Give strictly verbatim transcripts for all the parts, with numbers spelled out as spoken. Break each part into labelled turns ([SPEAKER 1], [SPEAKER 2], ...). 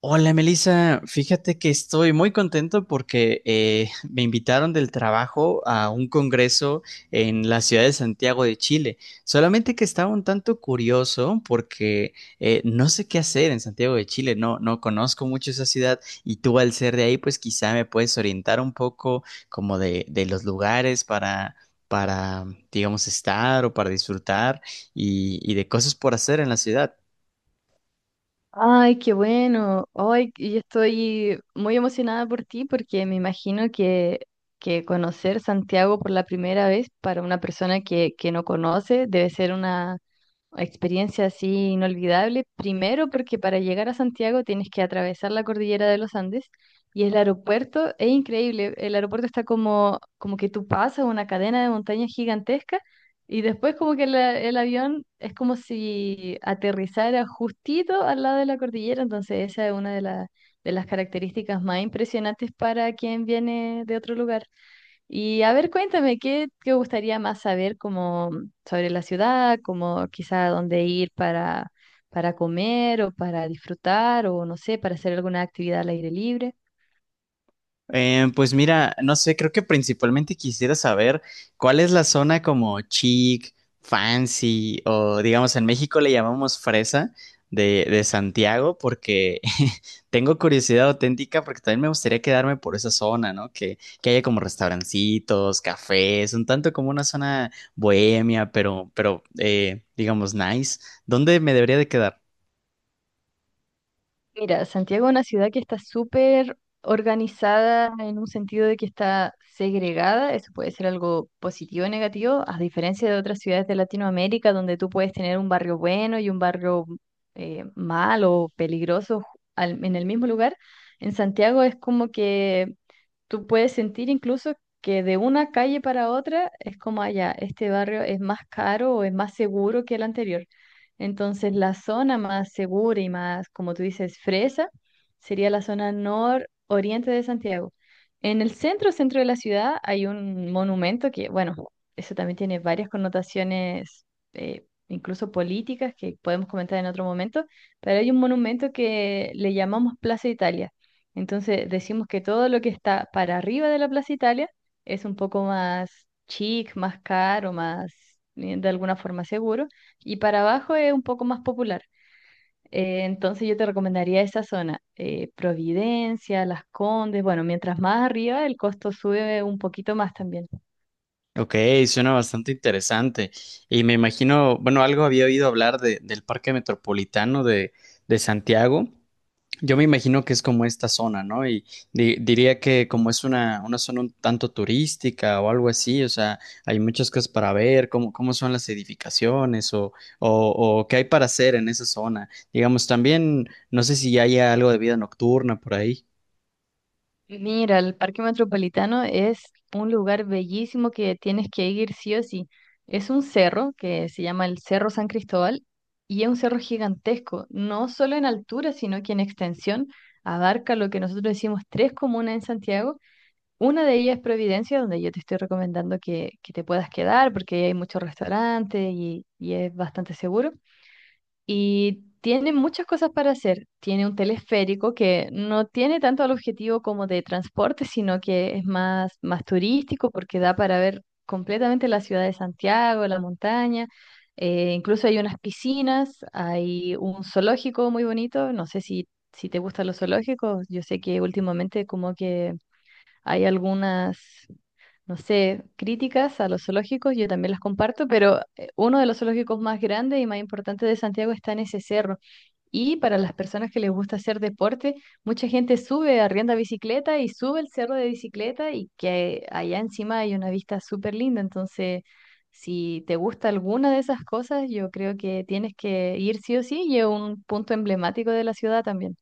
[SPEAKER 1] Hola Melissa, fíjate que estoy muy contento porque eh, me invitaron del trabajo a un congreso en la ciudad de Santiago de Chile. Solamente que estaba un tanto curioso porque eh, no sé qué hacer en Santiago de Chile, no, no conozco mucho esa ciudad y tú al ser de ahí, pues quizá me puedes orientar un poco como de, de los lugares para, para, digamos, estar o para disfrutar y, y, de cosas por hacer en la ciudad.
[SPEAKER 2] Ay, qué bueno. Ay, y yo estoy muy emocionada por ti porque me imagino que, que conocer Santiago por la primera vez para una persona que, que no conoce debe ser una experiencia así inolvidable. Primero porque para llegar a Santiago tienes que atravesar la cordillera de los Andes y el aeropuerto es increíble. El aeropuerto está como, como que tú pasas una cadena de montañas gigantesca y después como que la- el avión es como si aterrizara justito al lado de la cordillera. Entonces esa es una de, la- de las características más impresionantes para quien viene de otro lugar. Y a ver, cuéntame, ¿qué te gustaría más saber como sobre la ciudad, como quizá dónde ir para, para comer o para disfrutar o no sé, para hacer alguna actividad al aire libre?
[SPEAKER 1] Eh, pues mira, no sé, creo que principalmente quisiera saber cuál es la zona como chic, fancy o digamos en México le llamamos fresa de, de Santiago porque tengo curiosidad auténtica porque también me gustaría quedarme por esa zona, ¿no? Que, que haya como restaurancitos, cafés, un tanto como una zona bohemia, pero, pero eh, digamos nice. ¿Dónde me debería de quedar?
[SPEAKER 2] Mira, Santiago es una ciudad que está súper organizada en un sentido de que está segregada, eso puede ser algo positivo o negativo, a diferencia de otras ciudades de Latinoamérica donde tú puedes tener un barrio bueno y un barrio eh, malo peligroso al- en el mismo lugar. En Santiago es como que tú puedes sentir incluso que de una calle para otra es como allá, este barrio es más caro o es más seguro que el anterior. Entonces, la zona más segura y más, como tú dices, fresa, sería la zona nororiente de Santiago. En el centro, centro de la ciudad, hay un monumento que, bueno, eso también tiene varias connotaciones, eh, incluso políticas, que podemos comentar en otro momento, pero hay un monumento que le llamamos Plaza Italia. Entonces, decimos que todo lo que está para arriba de la Plaza Italia es un poco más chic, más caro, más, eh, de alguna forma seguro. Y para abajo es un poco más popular. Eh, entonces yo te recomendaría esa zona, eh, Providencia, Las Condes. Bueno, mientras más arriba el costo sube un poquito más también.
[SPEAKER 1] Ok, suena bastante interesante. Y me imagino, bueno, algo había oído hablar de, del Parque Metropolitano de, de Santiago. Yo me imagino que es como esta zona, ¿no? Y di- diría que como es una, una zona un tanto turística o algo así, o sea, hay muchas cosas para ver, cómo, cómo son las edificaciones o, o, o qué hay para hacer en esa zona. Digamos, también, no sé si haya algo de vida nocturna por ahí.
[SPEAKER 2] Mira, el Parque Metropolitano es un lugar bellísimo que tienes que ir sí o sí. Es un cerro que se llama el Cerro San Cristóbal y es un cerro gigantesco, no solo en altura, sino que en extensión abarca lo que nosotros decimos tres comunas en Santiago. Una de ellas es Providencia, donde yo te estoy recomendando que, que te puedas quedar porque ahí hay muchos restaurantes y, y es bastante seguro. Y tiene muchas cosas para hacer. Tiene un teleférico que no tiene tanto el objetivo como de transporte, sino que es más, más turístico porque da para ver completamente la ciudad de Santiago, la montaña. Eh, incluso hay unas piscinas, hay un zoológico muy bonito. No sé si, si te gustan los zoológicos. Yo sé que últimamente como que hay algunas no sé, críticas a los zoológicos, yo también las comparto, pero eh, uno de los zoológicos más grandes y más importantes de Santiago está en ese cerro. Y para las personas que les gusta hacer deporte, mucha gente sube, arrienda bicicleta y sube el cerro de bicicleta y que allá encima hay una vista súper linda. Entonces, si te gusta alguna de esas cosas, yo creo que tienes que ir sí o sí y es un punto emblemático de la ciudad también.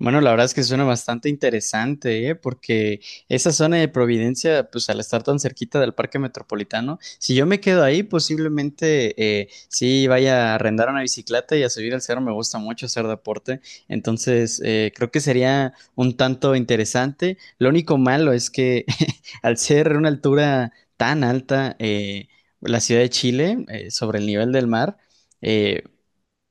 [SPEAKER 1] Bueno, la verdad es que suena bastante interesante, ¿eh? Porque esa zona de Providencia, pues al estar tan cerquita del Parque Metropolitano, si yo me quedo ahí, posiblemente eh, sí vaya a arrendar una bicicleta y a subir al cerro. Me gusta mucho hacer deporte, entonces eh, creo que sería un tanto interesante. Lo único malo es que al ser una altura tan alta, eh, la ciudad de Chile, eh, sobre el nivel del mar, eh,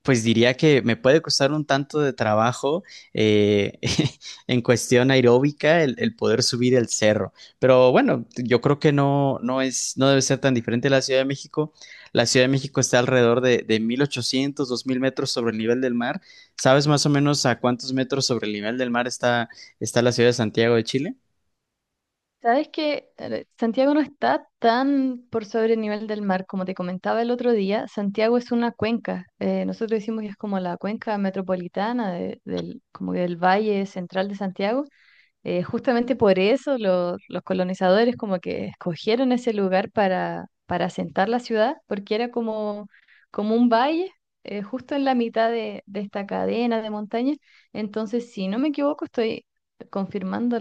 [SPEAKER 1] pues diría que me puede costar un tanto de trabajo eh, en cuestión aeróbica el, el poder subir el cerro. Pero bueno, yo creo que no, no es, no debe ser tan diferente la Ciudad de México. La Ciudad de México está alrededor de, de mil ochocientos dos mil metros sobre el nivel del mar. ¿Sabes más o menos a cuántos metros sobre el nivel del mar está, está la ciudad de Santiago de Chile?
[SPEAKER 2] Sabes que Santiago no está tan por sobre el nivel del mar, como te comentaba el otro día, Santiago es una cuenca. Eh, nosotros decimos que es como la cuenca metropolitana de- del, como que del valle central de Santiago. Eh, justamente por eso lo- los colonizadores como que escogieron ese lugar para, para asentar la ciudad, porque era como, como un valle eh, justo en la mitad de, de esta cadena de montañas. Entonces, si no me equivoco, estoy confirmando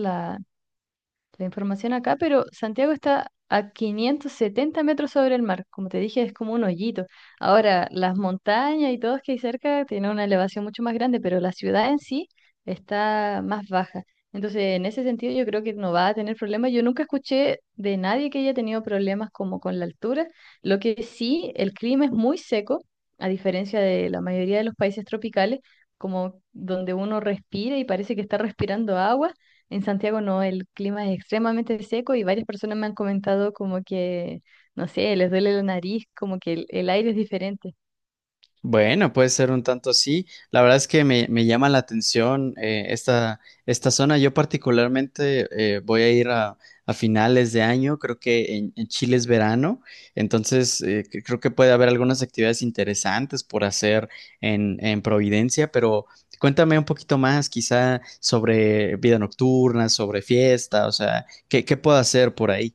[SPEAKER 2] la información acá, pero Santiago está a quinientos setenta metros sobre el mar. Como te dije, es como un hoyito. Ahora, las montañas y todos que hay cerca tienen una elevación mucho más grande, pero la ciudad en sí está más baja. Entonces, en ese sentido, yo creo que no va a tener problemas. Yo nunca escuché de nadie que haya tenido problemas como con la altura. Lo que sí, el clima es muy seco, a diferencia de la mayoría de los países tropicales, como donde uno respira y parece que está respirando agua. En Santiago no, el clima es extremadamente seco y varias personas me han comentado como que, no sé, les duele la nariz, como que el, el aire es diferente.
[SPEAKER 1] Bueno, puede ser un tanto así. La verdad es que me, me llama la atención eh, esta, esta zona. Yo particularmente eh, voy a ir a, a finales de año, creo que en, en Chile es verano, entonces eh, cre- creo que puede haber algunas actividades interesantes por hacer en, en Providencia, pero cuéntame un poquito más quizá sobre vida nocturna, sobre fiesta, o sea, ¿qué, qué puedo hacer por ahí?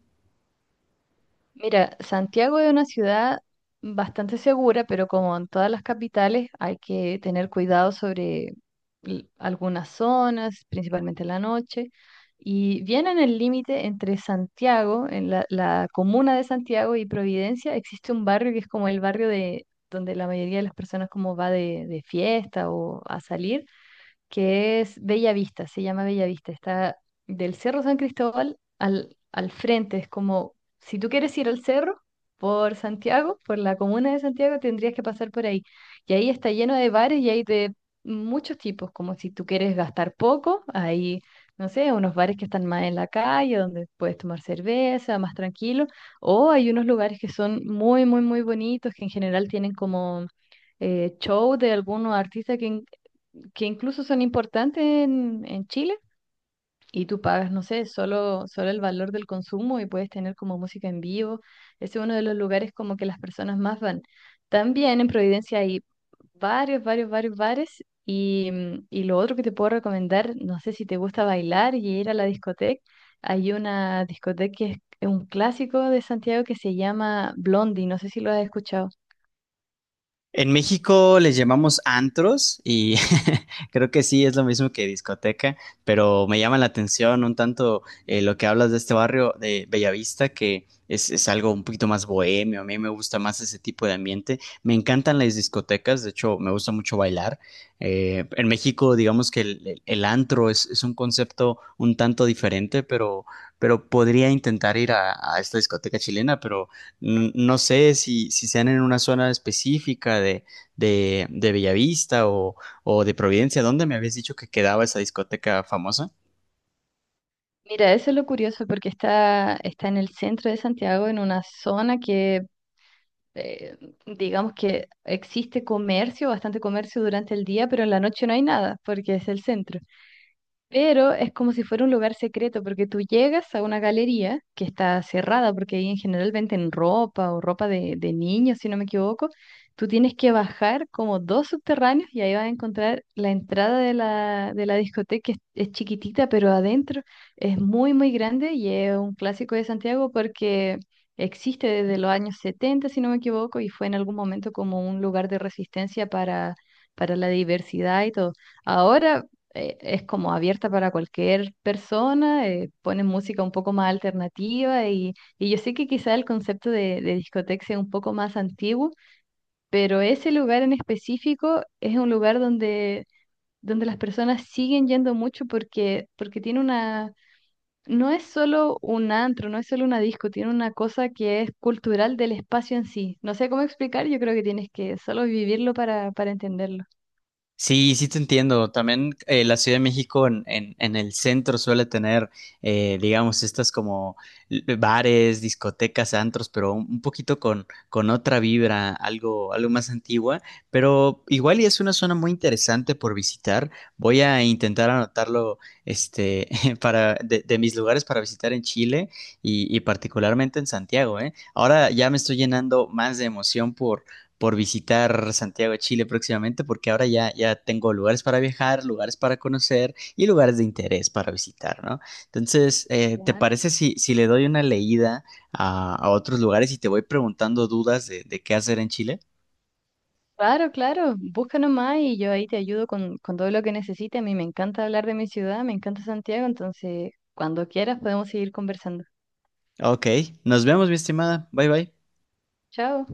[SPEAKER 2] Mira, Santiago es una ciudad bastante segura, pero como en todas las capitales, hay que tener cuidado sobre l- algunas zonas, principalmente en la noche. Y viene en el límite entre Santiago, en la, la comuna de Santiago y Providencia, existe un barrio que es como el barrio de donde la mayoría de las personas como va de, de fiesta o a salir que es Bellavista, se llama Bellavista, está del Cerro San Cristóbal al, al frente, es como, si tú quieres ir al cerro por Santiago, por la comuna de Santiago, tendrías que pasar por ahí. Y ahí está lleno de bares y hay de muchos tipos, como si tú quieres gastar poco, hay, no sé, unos bares que están más en la calle, donde puedes tomar cerveza, más tranquilo, o hay unos lugares que son muy, muy, muy bonitos, que en general tienen como eh, show de algunos artistas que, que incluso son importantes en, en Chile y tú pagas, no sé, solo, solo el valor del consumo y puedes tener como música en vivo. Ese es uno de los lugares como que las personas más van. También en Providencia hay varios, varios, varios bares y, mm, y lo otro que te puedo recomendar, no sé si te gusta bailar y ir a la discoteca, hay una discoteca que es un clásico de Santiago que se llama Blondie, no sé si lo has escuchado.
[SPEAKER 1] En México les llamamos antros y creo que sí es lo mismo que discoteca, pero me llama la atención un tanto eh, lo que hablas de este barrio de Bellavista, que es, es algo un poquito más bohemio, a mí me gusta más ese tipo de ambiente, me encantan las discotecas, de hecho me gusta mucho bailar. Eh, en México digamos que el, el- el antro es, es un concepto un tanto diferente, pero, pero podría intentar ir a, a esta discoteca chilena, pero... N- No sé si, si sean en una zona específica de, de, de Bellavista o, o de Providencia. ¿Dónde me habías dicho que quedaba esa discoteca famosa?
[SPEAKER 2] Mira, eso es lo curioso porque está, está en el centro de Santiago, en una zona que eh, digamos que existe comercio, bastante comercio durante el día, pero en la noche no hay nada porque es el centro. Pero es como si fuera un lugar secreto, porque tú llegas a una galería que está cerrada, porque ahí en general venden ropa o ropa de, de niños, si no me equivoco. Tú tienes que bajar como dos subterráneos y ahí vas a encontrar la entrada de la, de la discoteca, que es, es chiquitita, pero adentro es muy, muy grande y es un clásico de Santiago porque existe desde los años setenta si no me equivoco, y fue en algún momento como un lugar de resistencia para, para la diversidad y todo. Ahora eh, es como abierta para cualquier persona, eh, ponen música un poco más alternativa y, y yo sé que quizá el concepto de, de discoteca sea un poco más antiguo, pero ese lugar en específico es un lugar donde, donde las personas siguen yendo mucho porque, porque tiene una... No es solo un antro, no es solo una disco, tiene una cosa que es cultural del espacio en sí. No sé cómo explicar, yo creo que tienes que solo vivirlo para, para entenderlo.
[SPEAKER 1] Sí, sí te entiendo. También eh, la Ciudad de México en, en, en el centro suele tener, eh, digamos, estas como l- bares, discotecas, antros, pero un un poquito con, con otra vibra, algo, algo más antigua. Pero igual y es una zona muy interesante por visitar. Voy a intentar anotarlo, este, para de, de mis lugares para visitar en Chile y, y particularmente en Santiago, ¿eh? Ahora ya me estoy llenando más de emoción por visitar Santiago de Chile próximamente, porque ahora ya, ya tengo lugares para viajar, lugares para conocer y lugares de interés para visitar, ¿no? Entonces, eh, ¿te
[SPEAKER 2] Claro.
[SPEAKER 1] parece si, si le doy una leída a, a otros lugares y te voy preguntando dudas de, de qué hacer en Chile?
[SPEAKER 2] Claro, claro, busca nomás y yo ahí te ayudo con, con todo lo que necesites. A mí me encanta hablar de mi ciudad, me encanta Santiago, entonces cuando quieras podemos seguir conversando.
[SPEAKER 1] Ok, nos vemos, mi estimada. Bye bye.
[SPEAKER 2] Chao.